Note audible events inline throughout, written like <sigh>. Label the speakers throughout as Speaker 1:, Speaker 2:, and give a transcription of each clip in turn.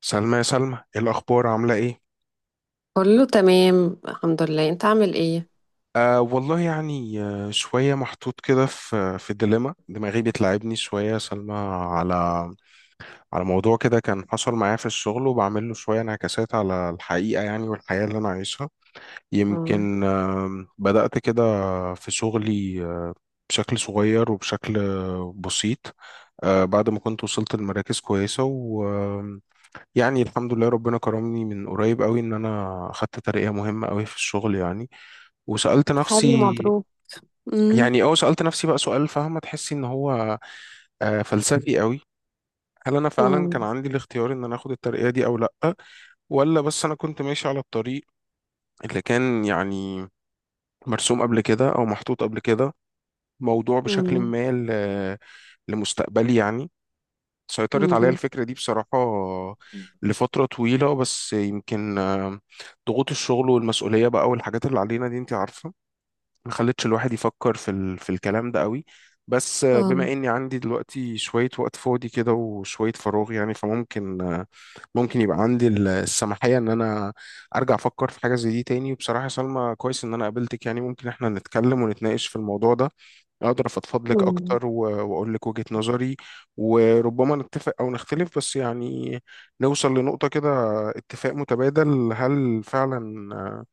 Speaker 1: سلمى، يا سلمى، إيه الأخبار، عاملة إيه؟
Speaker 2: كله تمام، الحمد لله، انت عامل ايه؟
Speaker 1: والله يعني، شوية محطوط كده في ديليما، دماغي بتلعبني شوية يا سلمى على على موضوع كده كان حصل معايا في الشغل، وبعمل له شوية انعكاسات على الحقيقة يعني، والحياة اللي أنا عايشها.
Speaker 2: اه.
Speaker 1: يمكن بدأت كده في شغلي بشكل صغير وبشكل بسيط، بعد ما كنت وصلت لمراكز كويسة. يعني الحمد لله، ربنا كرمني من قريب قوي ان انا خدت ترقية مهمة قوي في الشغل يعني، وسألت
Speaker 2: طب، حلو،
Speaker 1: نفسي.
Speaker 2: مبروك. امم.
Speaker 1: يعني، اه سألت نفسي بقى سؤال، فاهمة؟ تحسي ان هو فلسفي قوي. هل انا فعلا كان
Speaker 2: امم.
Speaker 1: عندي الاختيار ان انا اخد الترقية دي او لا، ولا بس انا كنت ماشي على الطريق اللي كان يعني مرسوم قبل كده او محطوط قبل كده، موضوع بشكل
Speaker 2: امم.
Speaker 1: ما لمستقبلي يعني. سيطرت عليا
Speaker 2: امم.
Speaker 1: الفكرة دي بصراحة لفترة طويلة، بس يمكن ضغوط الشغل والمسؤولية بقى والحاجات اللي علينا دي انت عارفة، ما خلتش الواحد يفكر في في الكلام ده قوي. بس
Speaker 2: اه.
Speaker 1: بما اني عندي دلوقتي شوية وقت فاضي كده وشوية فراغ يعني، فممكن ممكن يبقى عندي السماحية ان انا ارجع افكر في حاجة زي دي تاني. وبصراحة يا سلمى، كويس ان انا قابلتك، يعني ممكن احنا نتكلم ونتناقش في الموضوع ده، اقدر افضفض لك
Speaker 2: امم.
Speaker 1: اكتر واقول لك وجهة نظري، وربما نتفق او نختلف، بس يعني نوصل لنقطة كده، اتفاق متبادل. هل فعلا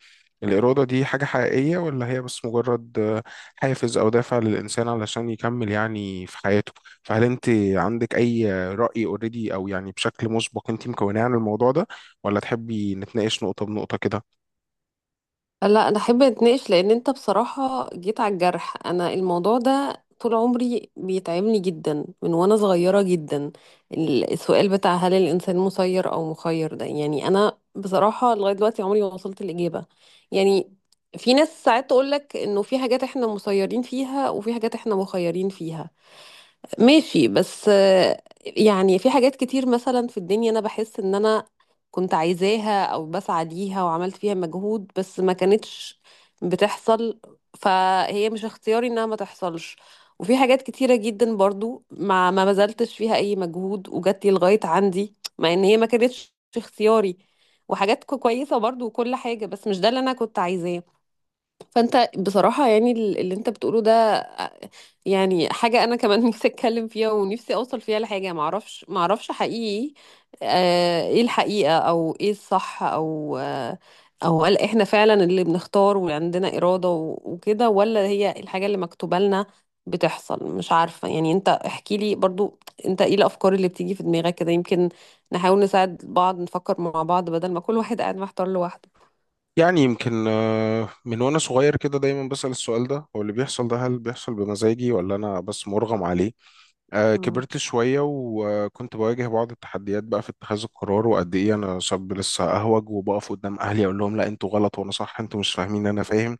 Speaker 1: الإرادة دي حاجة حقيقية، ولا هي بس مجرد حافز أو دافع للإنسان علشان يكمل يعني في حياته؟ فهل أنت عندك أي رأي اوريدي، أو يعني بشكل مسبق أنت مكوناه عن الموضوع ده، ولا تحبي نتناقش نقطة بنقطة كده؟
Speaker 2: لا، انا احب اتناقش، لان انت بصراحه جيت على الجرح. انا الموضوع ده طول عمري بيتعبني جدا من وانا صغيره جدا. السؤال بتاع هل الانسان مسير او مخير ده، يعني انا بصراحه لغايه دلوقتي عمري ما وصلت الاجابه. يعني في ناس ساعات تقول لك انه في حاجات احنا مسيرين فيها وفي حاجات احنا مخيرين فيها. ماشي، بس يعني في حاجات كتير مثلا في الدنيا انا بحس ان انا كنت عايزاها او بسعى ليها وعملت فيها مجهود، بس ما كانتش بتحصل، فهي مش اختياري انها ما تحصلش. وفي حاجات كتيرة جدا برضو ما بذلتش فيها اي مجهود وجات لي لغاية عندي، مع ان هي ما كانتش اختياري. وحاجات كويسة برضو وكل حاجة، بس مش ده اللي انا كنت عايزاه. فانت بصراحة يعني اللي انت بتقوله ده يعني حاجة أنا كمان <laughs> نفسي أتكلم فيها ونفسي أوصل فيها لحاجة. معرفش حقيقي إيه الحقيقة أو إيه الصح، أو أو هل إحنا فعلا اللي بنختار وعندنا إرادة وكده، ولا هي الحاجة اللي مكتوبة لنا بتحصل؟ مش عارفة يعني. أنت احكي لي برضو، أنت إيه الأفكار اللي بتيجي في دماغك كده؟ يمكن نحاول نساعد بعض، نفكر مع بعض، بدل ما كل واحد قاعد محتار لوحده.
Speaker 1: يعني يمكن من وأنا صغير كده دايما بسأل السؤال ده، هو اللي بيحصل ده هل بيحصل بمزاجي ولا أنا بس مرغم عليه؟
Speaker 2: مم.
Speaker 1: كبرت شوية وكنت بواجه بعض التحديات بقى في اتخاذ القرار، وقد إيه أنا شاب لسه أهوج، وبقف قدام أهلي أقول لهم لا أنتوا غلط وأنا صح، أنتوا مش فاهمين أنا فاهم.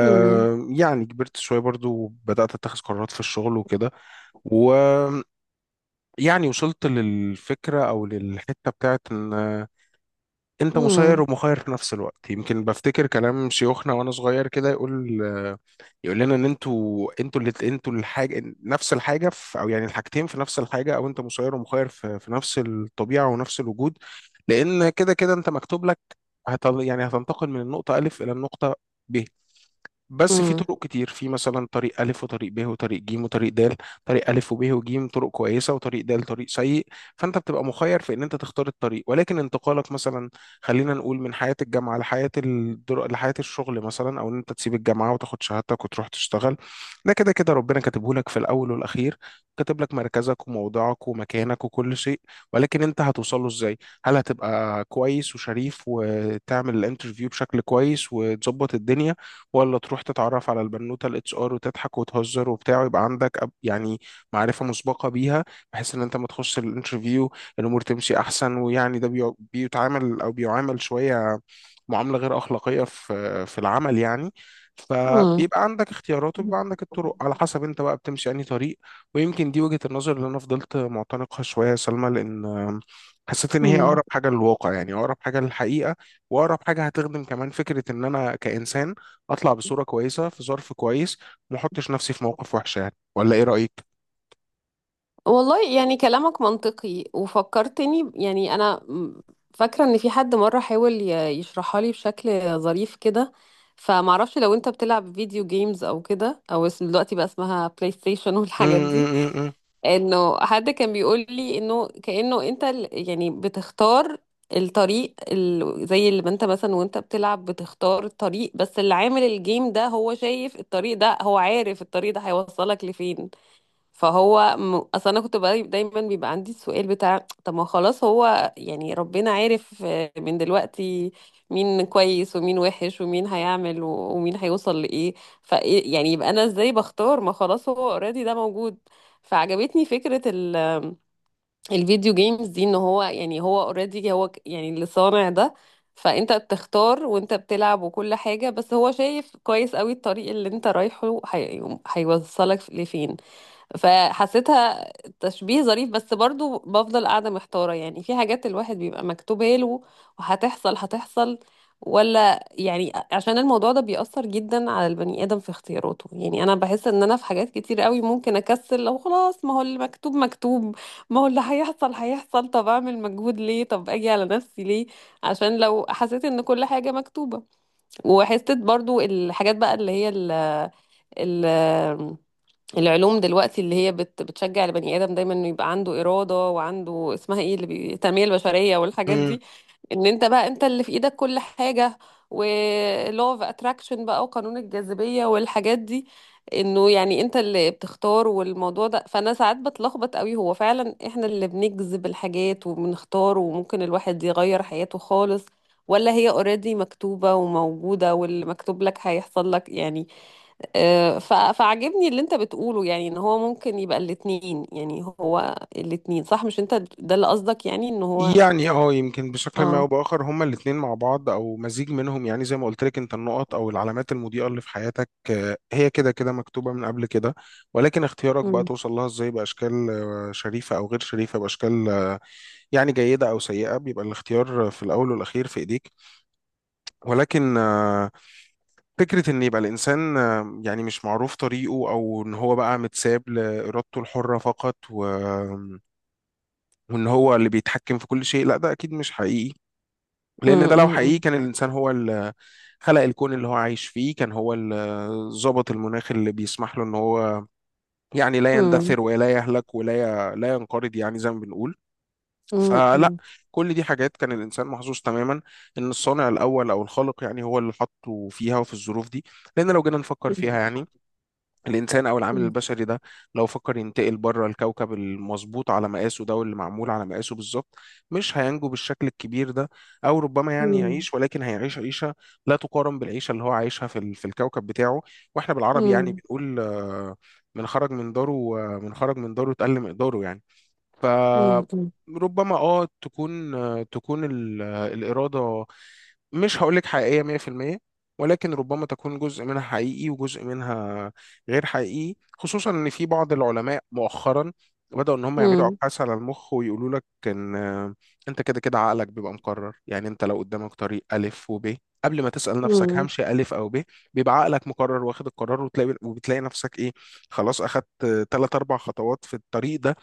Speaker 2: مم.
Speaker 1: يعني كبرت شوية برضو وبدأت أتخذ قرارات في الشغل وكده، ويعني وصلت للفكرة أو للحتة بتاعت إن أنت مسير
Speaker 2: مم.
Speaker 1: ومخير في نفس الوقت. يمكن بفتكر كلام شيوخنا وأنا صغير كده، يقول لنا ان انتوا اللي انتوا الحاجه نفس الحاجه في، او يعني الحاجتين في نفس الحاجه، او انت مسير ومخير في نفس الطبيعه ونفس الوجود. لأن كده كده أنت مكتوب لك، يعني هتنتقل من النقطة ألف إلى النقطة ب، بس في
Speaker 2: مم.
Speaker 1: طرق كتير، في مثلا طريق ألف وطريق ب وطريق ج وطريق د. طريق ألف وب وج طرق كويسة، وطريق د طريق سيء. فأنت بتبقى مخير في إن أنت تختار الطريق، ولكن انتقالك مثلا، خلينا نقول من حياة الجامعة لحياة الشغل مثلا، أو إن أنت تسيب الجامعة وتاخد شهادتك وتروح تشتغل، ده كده كده ربنا كاتبه لك في الأول والأخير. كاتب لك مركزك وموضعك ومكانك وكل شيء، ولكن أنت هتوصله إزاي؟ هل هتبقى كويس وشريف وتعمل الانترفيو بشكل كويس وتظبط الدنيا، ولا تروح تتعرف على البنوته الاتش ار وتضحك وتهزر وبتاع، ويبقى عندك يعني معرفه مسبقه بيها، بحيث ان انت ما تخش الانترفيو، الامور تمشي احسن. ويعني ده بيتعامل او بيعامل شويه معامله غير اخلاقيه في العمل يعني. فبيبقى عندك اختيارات
Speaker 2: مم.
Speaker 1: وبيبقى عندك الطرق على حسب انت بقى بتمشي انهي طريق. ويمكن دي وجهة النظر اللي انا فضلت معتنقها شويه يا سلمى، لان حسيت ان هي
Speaker 2: مم.
Speaker 1: اقرب حاجه للواقع، يعني اقرب حاجه للحقيقه، واقرب حاجه هتخدم كمان فكره ان انا كانسان اطلع بصوره كويسه في ظرف كويس، وما احطش نفسي في موقف وحش يعني. ولا ايه رايك؟
Speaker 2: والله، يعني كلامك منطقي، وفكرتني يعني انا فاكره ان في حد مره حاول يشرحها لي بشكل ظريف كده. فمعرفش لو انت بتلعب فيديو جيمز او كده، او اسم دلوقتي بقى اسمها بلاي ستيشن <laughs>
Speaker 1: م-
Speaker 2: والحاجات دي.
Speaker 1: م- م-
Speaker 2: انه حد كان بيقول لي انه كانه انت يعني بتختار الطريق زي اللي ما انت مثلا وانت بتلعب بتختار الطريق، بس اللي عامل الجيم ده هو شايف الطريق ده، هو عارف الطريق ده هيوصلك لفين. فهو اصل انا كنت بقى دايما بيبقى عندي السؤال بتاع طب ما خلاص هو يعني ربنا عارف من دلوقتي مين كويس ومين وحش ومين هيعمل و، ومين هيوصل لايه. ف إيه، يعني يبقى انا ازاي بختار؟ ما خلاص هو اوريدي ده موجود. فعجبتني فكرة الفيديو جيمز دي، ان هو يعني هو اوريدي، هو يعني اللي صانع ده. فانت بتختار وانت بتلعب وكل حاجة، بس هو شايف كويس قوي الطريق اللي انت رايحه هيوصلك لفين. فحسيتها تشبيه ظريف، بس برضو بفضل قاعدة محتارة. يعني في حاجات الواحد بيبقى مكتوبة له وهتحصل هتحصل، ولا يعني عشان الموضوع ده بيأثر جدا على البني آدم في اختياراته؟ يعني أنا بحس إن أنا في حاجات كتير قوي ممكن أكسل، لو خلاص ما هو اللي مكتوب مكتوب، ما هو اللي هيحصل هيحصل. طب أعمل مجهود ليه؟ طب أجي على نفسي ليه؟ عشان لو حسيت إن كل حاجة مكتوبة، وحسيت برضو الحاجات بقى اللي هي ال ال العلوم دلوقتي اللي هي بتشجع البني آدم دايما انه يبقى عنده إرادة، وعنده اسمها ايه اللي التنمية البشرية
Speaker 1: م-
Speaker 2: والحاجات
Speaker 1: م.
Speaker 2: دي. ان انت بقى انت اللي في ايدك كل حاجة، ولو اوف اتراكشن بقى وقانون الجاذبية والحاجات دي، انه يعني انت اللي بتختار. والموضوع ده فانا ساعات بتلخبط قوي. هو فعلا احنا اللي بنجذب الحاجات وبنختار وممكن الواحد يغير حياته خالص، ولا هي اوريدي مكتوبة وموجودة واللي مكتوب لك هيحصل لك؟ يعني فعجبني اللي انت بتقوله، يعني ان هو ممكن يبقى الاتنين، يعني هو الاتنين صح. مش انت ده اللي قصدك، يعني ان هو
Speaker 1: يعني اه يمكن بشكل ما او
Speaker 2: اه
Speaker 1: باخر هما الاثنين مع بعض او مزيج منهم، يعني زي ما قلت لك، انت النقط او العلامات المضيئه اللي في حياتك هي كده كده مكتوبه من قبل كده، ولكن اختيارك بقى
Speaker 2: مم.
Speaker 1: توصل لها ازاي، باشكال شريفه او غير شريفه، باشكال يعني جيده او سيئه، بيبقى الاختيار في الاول والاخير في ايديك. ولكن فكرة إن يبقى الإنسان يعني مش معروف طريقه، أو إن هو بقى متساب لإرادته الحرة فقط وإن هو اللي بيتحكم في كل شيء، لا ده أكيد مش حقيقي. لأن
Speaker 2: مم.
Speaker 1: ده لو
Speaker 2: مم.
Speaker 1: حقيقي،
Speaker 2: مم.
Speaker 1: كان الإنسان هو اللي خلق الكون اللي هو عايش فيه، كان هو اللي ظبط المناخ اللي بيسمح له إن هو يعني لا
Speaker 2: مم.
Speaker 1: يندثر ولا يهلك ولا لا ينقرض، يعني زي ما بنقول. فلا،
Speaker 2: مم.
Speaker 1: كل دي حاجات كان الإنسان محظوظ تماما إن الصانع الأول أو الخالق يعني هو اللي حطه فيها وفي الظروف دي. لأن لو جينا نفكر
Speaker 2: مم.
Speaker 1: فيها يعني، الإنسان أو العامل البشري ده، لو فكر ينتقل بره الكوكب المظبوط على مقاسه ده واللي معمول على مقاسه بالظبط، مش هينجو بالشكل الكبير ده، أو ربما يعني
Speaker 2: مم.
Speaker 1: يعيش، ولكن هيعيش عيشة لا تقارن بالعيشة اللي هو عايشها في الكوكب بتاعه. وإحنا بالعربي يعني
Speaker 2: مم.
Speaker 1: بنقول من خرج من داره، من خرج من داره اتقل مقداره يعني. ف
Speaker 2: مم.
Speaker 1: ربما تكون الإرادة مش هقولك حقيقية 100%، ولكن ربما تكون جزء منها حقيقي وجزء منها غير حقيقي، خصوصا ان في بعض العلماء مؤخرا بدأوا ان هم يعملوا
Speaker 2: مم.
Speaker 1: ابحاث على المخ، ويقولوا لك ان انت كده كده عقلك بيبقى مقرر. يعني انت لو قدامك طريق الف وب، قبل ما تسأل نفسك
Speaker 2: مم.
Speaker 1: همشي الف او ب، بيبقى عقلك مقرر واخد القرار، وبتلاقي نفسك ايه، خلاص اخدت ثلاث اربع خطوات في الطريق ده.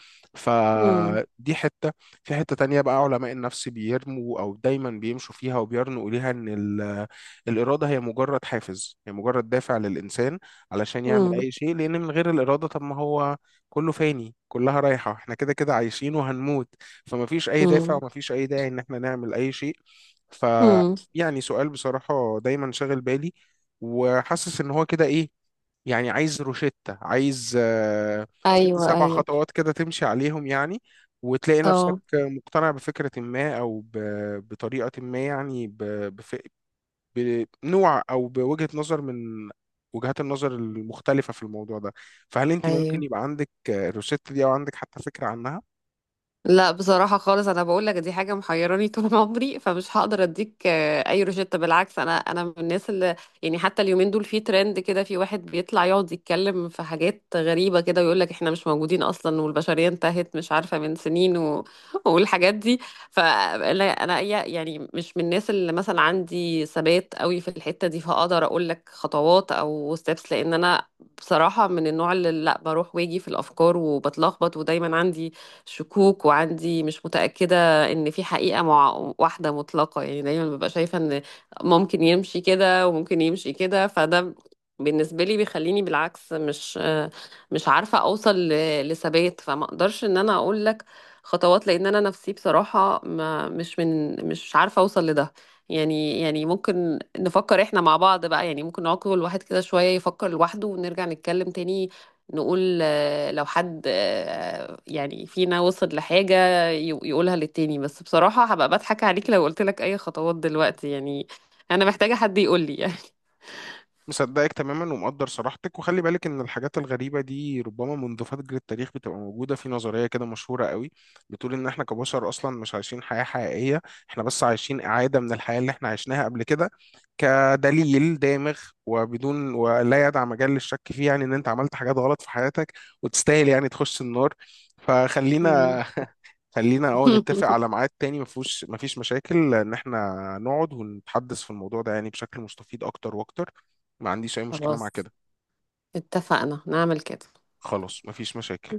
Speaker 2: مم.
Speaker 1: فدي حتة. في حتة تانية بقى، علماء النفس بيرموا أو دايما بيمشوا فيها وبيرنوا إليها، إن الإرادة هي مجرد حافز، هي مجرد دافع للإنسان علشان يعمل
Speaker 2: مم.
Speaker 1: أي شيء، لأن من غير الإرادة طب ما هو كله فاني، كلها رايحة، احنا كده كده عايشين وهنموت، فما فيش أي دافع
Speaker 2: مم.
Speaker 1: وما فيش أي داعي إن احنا نعمل أي شيء. ف
Speaker 2: مم.
Speaker 1: يعني سؤال بصراحة دايما شاغل بالي، وحاسس إن هو كده إيه، يعني عايز روشتة، عايز ست
Speaker 2: ايوه،
Speaker 1: سبع
Speaker 2: ايوه.
Speaker 1: خطوات كده تمشي عليهم يعني، وتلاقي نفسك
Speaker 2: اه.
Speaker 1: مقتنع بفكرة ما أو بطريقة ما، يعني بف- بنوع أو بوجهة نظر من وجهات النظر المختلفة في الموضوع ده. فهل أنت ممكن
Speaker 2: ايوه.
Speaker 1: يبقى عندك الروشتة دي، أو عندك حتى فكرة عنها؟
Speaker 2: لا بصراحة خالص، أنا بقول لك دي حاجة محيراني طول <laughs> عمري، فمش هقدر أديك أي روشتة. بالعكس، أنا من الناس اللي يعني حتى اليومين دول في ترند كده، في واحد بيطلع يقعد يتكلم في حاجات غريبة كده ويقول لك إحنا مش موجودين أصلا، والبشرية انتهت مش عارفة من سنين و <laughs> والحاجات دي. فأنا يعني مش من الناس اللي مثلا عندي ثبات قوي في الحتة دي، فأقدر أقول لك خطوات أو ستيبس. لأن أنا بصراحة من النوع اللي لا، بروح واجي في الأفكار وبتلخبط، ودايما عندي شكوك وعندي مش متأكدة ان في حقيقة مع واحدة مطلقة. يعني دايما ببقى شايفة ان ممكن يمشي كده وممكن يمشي كده، فده بالنسبة لي بيخليني بالعكس مش عارفة اوصل لثبات. فما اقدرش ان انا اقول لك خطوات، لان انا نفسي بصراحة ما مش من مش عارفة اوصل لده. يعني ممكن نفكر احنا مع بعض بقى، يعني ممكن نقعد كل واحد كده شوية يفكر لوحده، ونرجع نتكلم تاني، نقول لو حد يعني فينا وصل لحاجة يقولها للتاني. بس بصراحة هبقى بضحك عليك لو قلت لك أي خطوات دلوقتي، يعني أنا محتاجة حد يقول لي يعني.
Speaker 1: مصدقك تماما ومقدر صراحتك، وخلي بالك ان الحاجات الغريبه دي ربما منذ فجر التاريخ بتبقى موجوده في نظريه كده مشهوره قوي، بتقول ان احنا كبشر اصلا مش عايشين حياه حقيقيه، احنا بس عايشين اعاده من الحياه اللي احنا عشناها قبل كده، كدليل دامغ وبدون ولا يدع مجال للشك فيه، يعني ان انت عملت حاجات غلط في حياتك وتستاهل يعني تخش النار. فخلينا خلينا اه نتفق على
Speaker 2: <laughs>
Speaker 1: ميعاد تاني، مفيش مشاكل ان احنا نقعد ونتحدث في الموضوع ده، يعني بشكل مستفيض اكتر واكتر. ما عنديش اي مشكلة مع
Speaker 2: خلاص،
Speaker 1: كده.
Speaker 2: اتفقنا نعمل كده.
Speaker 1: خلاص مفيش مشاكل.